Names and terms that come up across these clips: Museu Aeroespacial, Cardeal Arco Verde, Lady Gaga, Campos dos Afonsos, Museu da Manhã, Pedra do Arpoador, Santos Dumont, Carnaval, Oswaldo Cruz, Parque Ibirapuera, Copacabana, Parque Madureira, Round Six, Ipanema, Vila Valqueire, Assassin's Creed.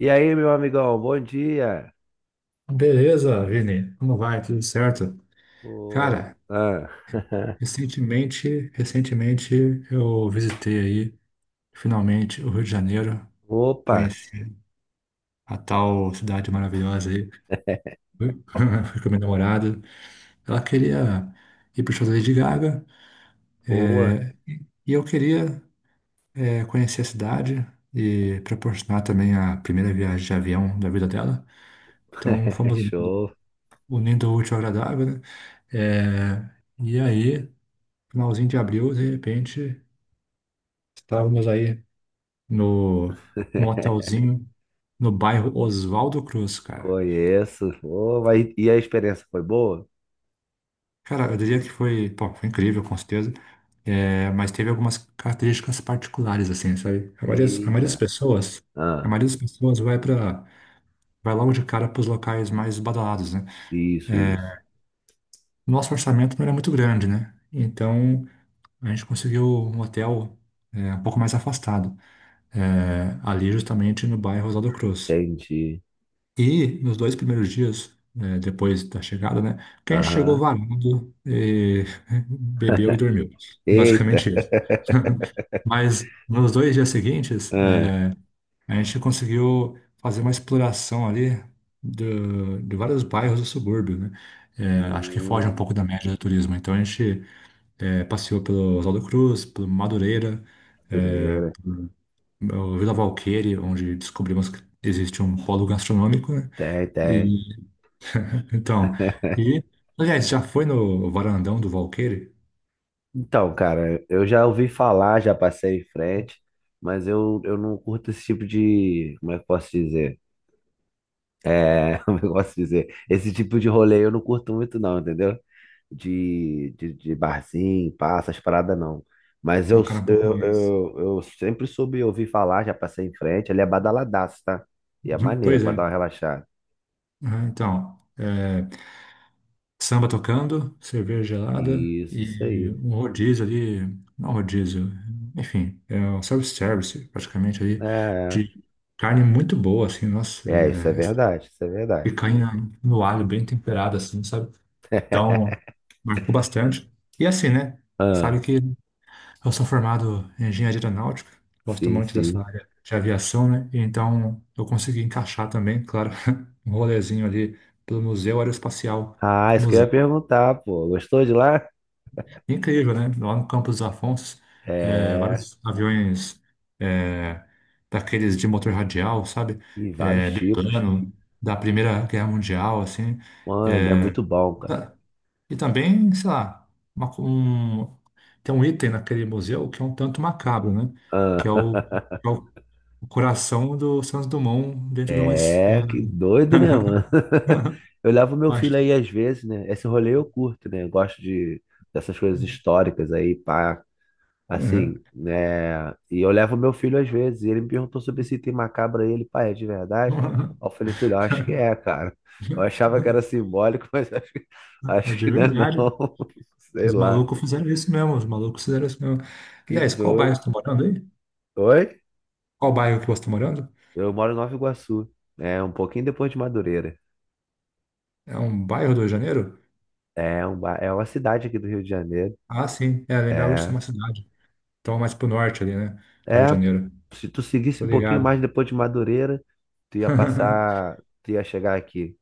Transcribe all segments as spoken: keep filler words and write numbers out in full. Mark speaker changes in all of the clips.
Speaker 1: E aí, meu amigão, bom dia.
Speaker 2: Beleza, Vini. Como vai? Tudo certo?
Speaker 1: Ô,
Speaker 2: Cara,
Speaker 1: ah,
Speaker 2: recentemente, recentemente eu visitei aí, finalmente, o Rio de Janeiro.
Speaker 1: Opa,
Speaker 2: Conheci a tal cidade maravilhosa aí. Fui fui com a minha namorada. Ela queria ir pro show da Lady Gaga
Speaker 1: boa,
Speaker 2: é, e eu queria eh, conhecer a cidade e proporcionar também a primeira viagem de avião da vida dela. Então fomos unindo
Speaker 1: show,
Speaker 2: unindo o útil ao agradável, né? Eh, e aí, finalzinho de abril, de repente. Estávamos aí no, num hotelzinho no bairro Oswaldo Cruz, cara.
Speaker 1: conheço. Ô, vai- E a experiência foi boa?
Speaker 2: Cara, eu diria que foi, pô, foi incrível, com certeza. É, mas teve algumas características particulares, assim, sabe? A maioria, a maioria das
Speaker 1: Eita,
Speaker 2: pessoas, a
Speaker 1: ah,
Speaker 2: maioria das pessoas vai para, vai logo de cara para os locais mais badalados, né?
Speaker 1: isso, isso,
Speaker 2: Nosso orçamento não era muito grande, né? Então a gente conseguiu um hotel é, um pouco mais afastado, é, ali justamente no bairro Oswaldo Cruz.
Speaker 1: entendi.
Speaker 2: E nos dois primeiros dias, né, depois da chegada, né? Quem chegou
Speaker 1: Aham,
Speaker 2: varando, eh, bebeu e dormiu.
Speaker 1: Eita,
Speaker 2: Basicamente isso. Mas nos dois dias seguintes,
Speaker 1: ah.
Speaker 2: eh, a gente conseguiu fazer uma exploração ali do- de vários bairros do subúrbio, né? Eh, acho que
Speaker 1: Hum,
Speaker 2: foge um pouco da média do turismo. Então a gente eh, passeou pelo Oswaldo Cruz, pelo Madureira, eh,
Speaker 1: Madureira,
Speaker 2: o Vila Valqueire, onde descobrimos que existe um polo gastronômico, né?
Speaker 1: tem, tem.
Speaker 2: Então, e, aliás, já foi no varandão do Valqueire?
Speaker 1: Então, cara, eu já ouvi falar, já passei em frente, mas eu, eu não curto esse tipo de, como é que eu posso dizer? É, como eu gosto de dizer, esse tipo de rolê eu não curto muito não, entendeu? De, de, de barzinho, passas, paradas não. Mas
Speaker 2: Você é
Speaker 1: eu,
Speaker 2: um cara um pouco
Speaker 1: eu,
Speaker 2: mais.
Speaker 1: eu, eu sempre soube ouvir falar, já passei em frente, ele é badaladaço, tá? E é maneiro
Speaker 2: Pois
Speaker 1: pra dar
Speaker 2: é.
Speaker 1: uma relaxada.
Speaker 2: Aham. Então, é, samba tocando, cerveja gelada
Speaker 1: Isso, isso
Speaker 2: e
Speaker 1: aí.
Speaker 2: um rodízio ali, não rodízio, enfim, é um self-service praticamente ali,
Speaker 1: É,
Speaker 2: de carne muito boa, assim, nossa,
Speaker 1: é, isso é
Speaker 2: é,
Speaker 1: verdade, isso é verdade.
Speaker 2: picanha no alho, bem temperada, assim, sabe? Então, marcou bastante. E assim, né? Sabe
Speaker 1: Ah,
Speaker 2: que Eu sou formado em engenharia aeronáutica, gosto
Speaker 1: sim,
Speaker 2: muito dessa
Speaker 1: sim.
Speaker 2: área de aviação, né? E Então eu consegui encaixar também, claro, um rolezinho ali pelo Museu Aeroespacial,
Speaker 1: Ah, isso que eu ia
Speaker 2: museu.
Speaker 1: perguntar, pô. Gostou de lá?
Speaker 2: Incrível, né? Lá no Campos dos Afonsos, é,
Speaker 1: É,
Speaker 2: vários aviões é, daqueles de motor radial, sabe?
Speaker 1: e vários
Speaker 2: É,
Speaker 1: tipos.
Speaker 2: biplano, da Primeira Guerra Mundial, assim.
Speaker 1: Mano, é
Speaker 2: É,
Speaker 1: muito bom, cara.
Speaker 2: e também, sei lá, uma- um, tem um item naquele museu que é um tanto macabro, né?
Speaker 1: Ah.
Speaker 2: Que é o, é o o coração do Santos Dumont dentro de uma
Speaker 1: É,
Speaker 2: esfera.
Speaker 1: que doido, né, mano? Eu levo meu filho
Speaker 2: Acho-
Speaker 1: aí às vezes, né? Esse rolê eu curto, né? Eu gosto de dessas coisas históricas aí, pá,
Speaker 2: É.
Speaker 1: assim, né? E eu levo meu filho às vezes, e ele me perguntou sobre esse item macabro aí, ele, pai, é de verdade? Aí eu falei, filho, eu acho que é, cara. Eu achava que era simbólico, mas acho que,
Speaker 2: É
Speaker 1: acho
Speaker 2: de
Speaker 1: que não é
Speaker 2: verdade.
Speaker 1: não. Sei
Speaker 2: Os
Speaker 1: lá,
Speaker 2: malucos fizeram isso mesmo. Os malucos fizeram isso mesmo.
Speaker 1: que
Speaker 2: Aliás, qual bairro você
Speaker 1: doido.
Speaker 2: está morando aí?
Speaker 1: Oi?
Speaker 2: Qual bairro que você está morando?
Speaker 1: Eu moro em Nova Iguaçu, é um pouquinho depois de Madureira.
Speaker 2: É um bairro do Rio de Janeiro?
Speaker 1: É, um, ba- é uma cidade aqui do Rio de Janeiro.
Speaker 2: Ah, sim. É, lembrava de ser
Speaker 1: É.
Speaker 2: uma cidade. Então, mais pro norte ali, né? Do Rio de
Speaker 1: É,
Speaker 2: Janeiro.
Speaker 1: se tu
Speaker 2: Tô
Speaker 1: seguisse um pouquinho
Speaker 2: ligado.
Speaker 1: mais depois de Madureira, tu ia passar, tu ia chegar aqui.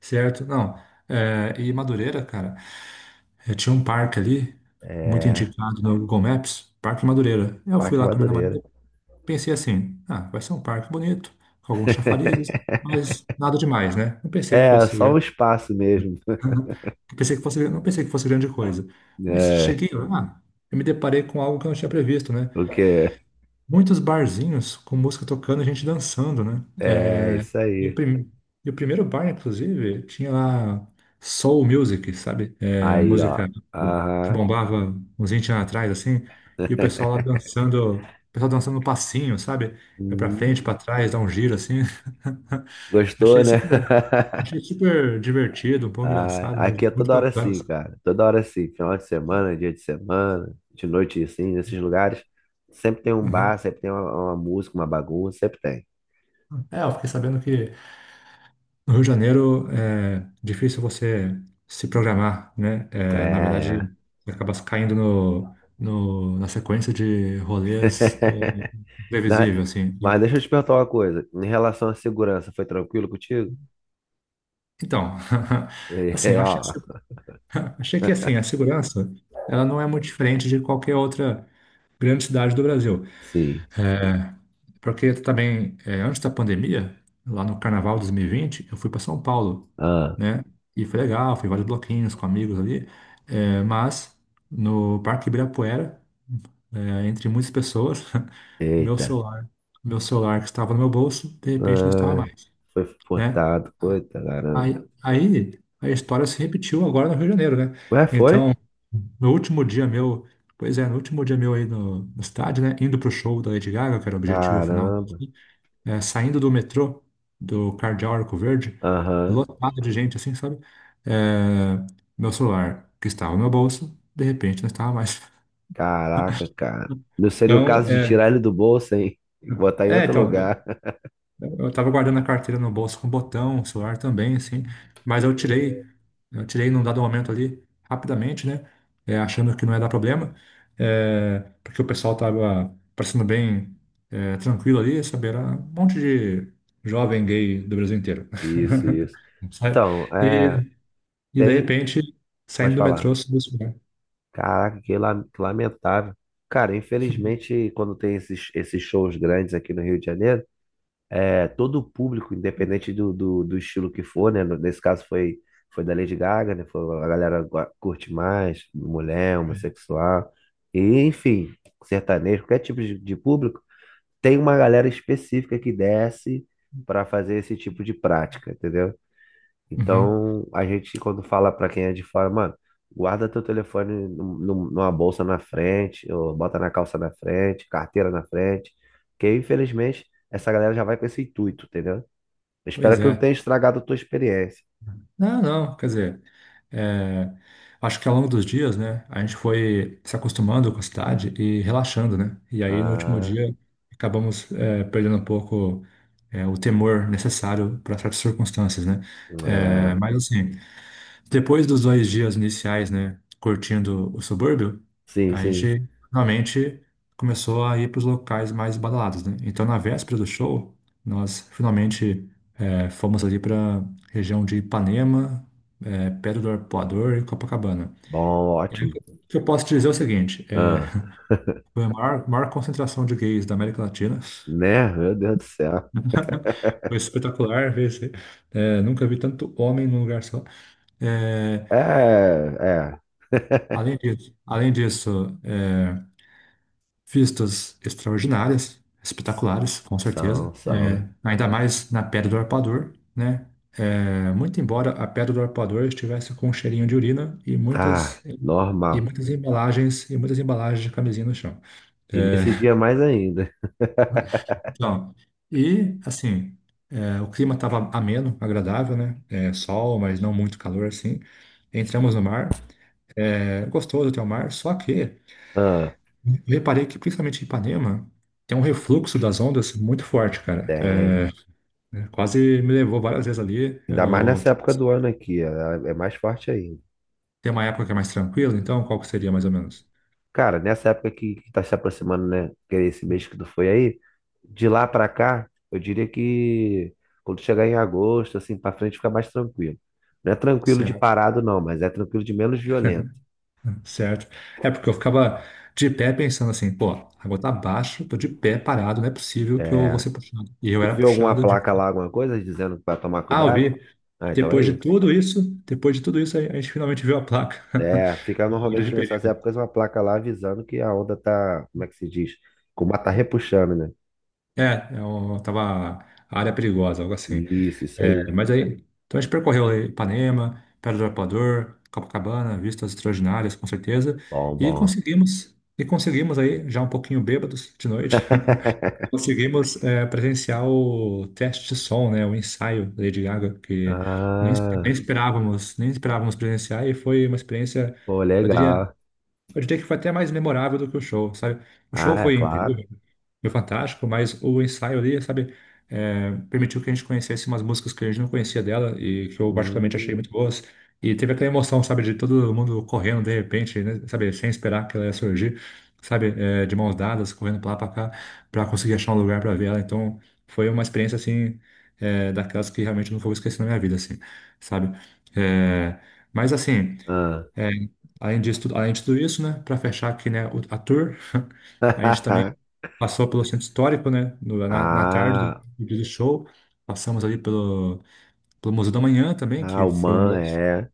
Speaker 2: Certo? Não. É, e Madureira, cara, é, tinha um parque ali, muito
Speaker 1: É,
Speaker 2: indicado no Google Maps, Parque Madureira. Eu fui
Speaker 1: Parque
Speaker 2: lá com a minha
Speaker 1: Madureira.
Speaker 2: namorada, pensei assim, ah, vai ser um parque bonito, com alguns chafarizes, mas nada demais, né? Não pensei que
Speaker 1: É,
Speaker 2: fosse
Speaker 1: só um
Speaker 2: grande,
Speaker 1: espaço mesmo.
Speaker 2: não pensei que fosse, não pensei que fosse grande coisa. Mas
Speaker 1: É,
Speaker 2: cheguei lá, eu me deparei com algo que eu não tinha previsto, né?
Speaker 1: o quê?
Speaker 2: Muitos barzinhos com música tocando, e gente dançando, né?
Speaker 1: É, isso
Speaker 2: E o,
Speaker 1: aí.
Speaker 2: prim... e o primeiro bar, inclusive, tinha lá soul music, sabe? É,
Speaker 1: Aí, ó.
Speaker 2: música que
Speaker 1: Aham.
Speaker 2: bombava uns vinte anos atrás, assim. E o pessoal lá dançando, o pessoal dançando no passinho, sabe? Vai pra
Speaker 1: Uhum.
Speaker 2: frente, pra trás, dá um giro, assim.
Speaker 1: Gostou,
Speaker 2: Achei
Speaker 1: né?
Speaker 2: super, achei super divertido, um pouco
Speaker 1: Ah,
Speaker 2: engraçado,
Speaker 1: aqui
Speaker 2: mas
Speaker 1: é
Speaker 2: muito
Speaker 1: toda hora
Speaker 2: bacana,
Speaker 1: assim,
Speaker 2: sabe?
Speaker 1: cara. Toda hora assim. Final de semana, dia de semana, de noite assim, nesses lugares. Sempre tem um bar,
Speaker 2: Uhum.
Speaker 1: sempre tem uma, uma música, uma bagunça, sempre tem.
Speaker 2: É, eu fiquei sabendo que No Rio de Janeiro é difícil você se programar, né?
Speaker 1: É,
Speaker 2: É, na verdade,
Speaker 1: é.
Speaker 2: você acaba caindo no, no- na sequência de rolês é,
Speaker 1: Na-
Speaker 2: previsível, assim,
Speaker 1: Mas
Speaker 2: né?
Speaker 1: deixa eu te perguntar uma coisa. Em relação à segurança, foi tranquilo contigo?
Speaker 2: Então, assim,
Speaker 1: É,
Speaker 2: eu achei,
Speaker 1: ó.
Speaker 2: a segu- achei que assim, a segurança ela não é muito diferente de qualquer outra grande cidade do Brasil.
Speaker 1: Sim.
Speaker 2: Porque também, eh, antes da pandemia, lá no Carnaval de dois mil e vinte, eu fui para São Paulo,
Speaker 1: Ah,
Speaker 2: né? E foi legal, fui em vários bloquinhos com amigos ali, eh, mas no Parque Ibirapuera, eh, entre muitas pessoas, meu
Speaker 1: eita.
Speaker 2: celular, meu celular que estava no meu bolso, de repente não estava
Speaker 1: Ah,
Speaker 2: mais,
Speaker 1: foi
Speaker 2: né?
Speaker 1: furtado. Eita, caramba.
Speaker 2: Aí, aí a história se repetiu agora no Rio de Janeiro, né?
Speaker 1: Ué, foi?
Speaker 2: Então, no último dia meu, pois é, no último dia meu aí no, no estádio, né? Indo pro show da Lady Gaga, que era o objetivo final
Speaker 1: Caramba.
Speaker 2: é, saindo do metrô do Cardeal Arco Verde,
Speaker 1: Aham.
Speaker 2: lotado de gente assim, sabe? É, meu celular, que estava no meu bolso, de repente não estava mais.
Speaker 1: Caraca, cara. Não seria o
Speaker 2: Então,
Speaker 1: caso de
Speaker 2: é,
Speaker 1: tirar ele do bolso, hein? E botar em
Speaker 2: é,
Speaker 1: outro
Speaker 2: então,
Speaker 1: lugar.
Speaker 2: Eu tava guardando a carteira no bolso com botão, o celular também, assim. Mas eu tirei, eu tirei num dado momento ali, rapidamente, né? é, achando que não ia dar problema, é, porque o pessoal tava parecendo bem é, tranquilo ali, sabe? Era um monte de jovem gay do Brasil inteiro.
Speaker 1: Isso, isso.
Speaker 2: Sabe?
Speaker 1: Então, é,
Speaker 2: E, e de
Speaker 1: tem.
Speaker 2: repente,
Speaker 1: Pode
Speaker 2: saindo do
Speaker 1: falar.
Speaker 2: metrô, subiu o celular.
Speaker 1: Caraca, que la- que lamentável. Cara, infelizmente, quando tem esses, esses shows grandes aqui no Rio de Janeiro, é, todo o público, independente do, do, do estilo que for, né? no- Nesse caso foi, foi da Lady Gaga, né? Foi, a galera gua- curte mais, mulher, homossexual, e, enfim, sertanejo, qualquer tipo de, de público, tem uma galera específica que desce para fazer esse tipo de prática, entendeu?
Speaker 2: Uhum.
Speaker 1: Então, a gente, quando fala pra quem é de fora, mano, guarda teu telefone num- num- numa bolsa na frente, ou bota na calça na frente, carteira na frente, porque infelizmente essa galera já vai com esse intuito, entendeu? Eu espero
Speaker 2: Pois
Speaker 1: que não tenha
Speaker 2: é.
Speaker 1: estragado a tua experiência.
Speaker 2: Não, não, quer dizer. É, acho que ao longo dos dias, né, a gente foi se acostumando com a cidade e relaxando, né? E aí no último
Speaker 1: Ah,
Speaker 2: dia acabamos é, perdendo um pouco é, o temor necessário para certas circunstâncias, né? É,
Speaker 1: é.
Speaker 2: mas assim. Depois dos dois dias iniciais, né, curtindo o subúrbio,
Speaker 1: Sim,
Speaker 2: a
Speaker 1: sim.
Speaker 2: gente finalmente começou a ir para os locais mais badalados, né? Então, na véspera do show, nós finalmente eh, fomos ali para região de Ipanema, eh, Pedra do Arpoador e Copacabana.
Speaker 1: Bom,
Speaker 2: E aí,
Speaker 1: ótimo.
Speaker 2: o que eu posso te dizer é o seguinte: eh,
Speaker 1: Ah,
Speaker 2: foi a maior, maior concentração de gays da América Latina.
Speaker 1: né? Meu Deus do céu.
Speaker 2: Foi espetacular ver esse- eh, nunca vi tanto homem num lugar só. Eh,
Speaker 1: É, é.
Speaker 2: além disso, além disso eh, Vistas extraordinárias, espetaculares, com
Speaker 1: São,
Speaker 2: certeza. É,
Speaker 1: são.
Speaker 2: ainda mais na Pedra do Arpoador, né? É, muito embora a Pedra do Arpoador estivesse com um cheirinho de urina e
Speaker 1: Ah,
Speaker 2: muitas e
Speaker 1: normal.
Speaker 2: muitas embalagens e muitas embalagens de camisinha no chão.
Speaker 1: E
Speaker 2: É,
Speaker 1: nesse dia mais ainda.
Speaker 2: então, e assim, é, o clima estava ameno, agradável, né? É, sol, mas não muito calor assim. Entramos no mar, é, gostoso até o mar, só que
Speaker 1: Ah.
Speaker 2: Eu reparei que, principalmente em Ipanema, tem um refluxo das ondas muito forte, cara. É,
Speaker 1: Tem.
Speaker 2: né? Quase me levou várias vezes ali.
Speaker 1: Ainda mais
Speaker 2: Eu...
Speaker 1: nessa época do ano aqui, é é mais forte ainda.
Speaker 2: Tem uma época que é mais tranquila, então qual que seria mais ou menos?
Speaker 1: Cara, nessa época que, que tá se aproximando, né? Que é esse mês que tu foi aí, de lá pra cá, eu diria que quando chegar em agosto, assim, pra frente fica mais tranquilo. Não é tranquilo de
Speaker 2: Certo,
Speaker 1: parado, não, mas é tranquilo de menos violento.
Speaker 2: certo. É porque eu ficava de pé pensando assim, pô, a água tá abaixo, tô de pé parado, não é possível que eu vou
Speaker 1: É.
Speaker 2: ser puxado. E eu
Speaker 1: Tu
Speaker 2: era
Speaker 1: viu alguma
Speaker 2: puxado de.
Speaker 1: placa lá, alguma coisa, dizendo pra tomar
Speaker 2: Ah, eu
Speaker 1: cuidado?
Speaker 2: vi.
Speaker 1: Ah, então é
Speaker 2: Depois de
Speaker 1: isso.
Speaker 2: tudo isso, depois de tudo isso, a a gente finalmente viu a placa.
Speaker 1: É, fica
Speaker 2: Área de
Speaker 1: normalmente nessas
Speaker 2: perigo.
Speaker 1: épocas uma placa lá avisando que a onda tá, como é que se diz? Como ela tá repuxando, né?
Speaker 2: É, eu tava área perigosa, algo assim.
Speaker 1: Isso, isso
Speaker 2: É,
Speaker 1: aí.
Speaker 2: mas aí, então a gente percorreu aí Ipanema, Pedra do Arpoador, Copacabana, vistas extraordinárias, com certeza,
Speaker 1: Bom,
Speaker 2: e
Speaker 1: bom.
Speaker 2: conseguimos, e conseguimos aí, já um pouquinho bêbados de noite, conseguimos é, presenciar o teste de som, né, o ensaio da Lady Gaga, que nem, nem
Speaker 1: Ah,
Speaker 2: esperávamos, nem esperávamos presenciar, e foi uma experiência,
Speaker 1: pô,
Speaker 2: eu diria,
Speaker 1: legal.
Speaker 2: eu diria que foi até mais memorável do que o show, sabe? O
Speaker 1: Ah,
Speaker 2: show
Speaker 1: é
Speaker 2: foi
Speaker 1: claro.
Speaker 2: incrível, foi fantástico, mas o ensaio ali, sabe, é, permitiu que a gente conhecesse umas músicas que a gente não conhecia dela e que eu particularmente
Speaker 1: Hum,
Speaker 2: achei muito boas. E teve aquela emoção, sabe, de todo mundo correndo de repente, né, sabe, sem esperar que ela ia surgir, sabe, é, de mãos dadas, correndo pra lá pra cá, pra conseguir achar um lugar pra ver ela. Então, foi uma experiência, assim, é, daquelas que realmente eu não vou esquecer na minha vida, assim, sabe? É, mas, assim.
Speaker 1: ah.
Speaker 2: É, além disso, tudo- além de tudo isso, né, para fechar aqui, né, o- a tour, a gente também passou pelo centro histórico, né, no- na, na tarde do,
Speaker 1: Ah,
Speaker 2: do dia do show, passamos ali pelo, pelo Museu da Manhã também,
Speaker 1: ah,
Speaker 2: que
Speaker 1: o
Speaker 2: foi
Speaker 1: man
Speaker 2: uma das...
Speaker 1: é.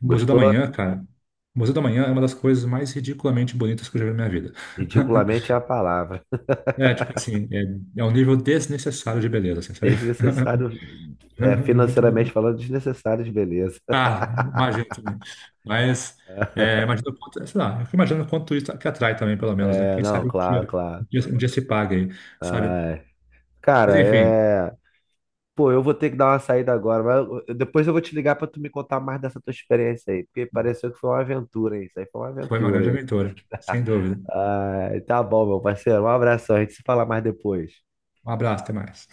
Speaker 2: O Museu da
Speaker 1: Gostou?
Speaker 2: Manhã, cara, o Museu da Manhã é uma das coisas mais ridiculamente bonitas que eu já vi na minha vida.
Speaker 1: Ridiculamente é a palavra.
Speaker 2: É, tipo assim, é, é um nível desnecessário de beleza, assim, sabe?
Speaker 1: Desnecessário, é,
Speaker 2: Muito,
Speaker 1: financeiramente falando, desnecessário de beleza.
Speaker 2: ah, imagino também. Mas, é, imagino quanto, sei lá, eu fico imaginando quanto isso que atrai também, pelo menos, né?
Speaker 1: É,
Speaker 2: Quem
Speaker 1: não,
Speaker 2: sabe um
Speaker 1: claro,
Speaker 2: dia, um
Speaker 1: claro.
Speaker 2: dia, um dia se paga aí, sabe?
Speaker 1: Ai, cara,
Speaker 2: Mas, enfim,
Speaker 1: é. Pô, eu vou ter que dar uma saída agora, mas eu- eu- depois eu vou te ligar pra tu me contar mais dessa tua experiência aí, porque pareceu que foi uma aventura, hein? Isso aí foi uma
Speaker 2: foi uma
Speaker 1: aventura,
Speaker 2: grande
Speaker 1: hein?
Speaker 2: aventura, sem dúvida.
Speaker 1: Ai, tá bom, meu parceiro. Um abração. A gente se fala mais depois.
Speaker 2: Um abraço, até mais.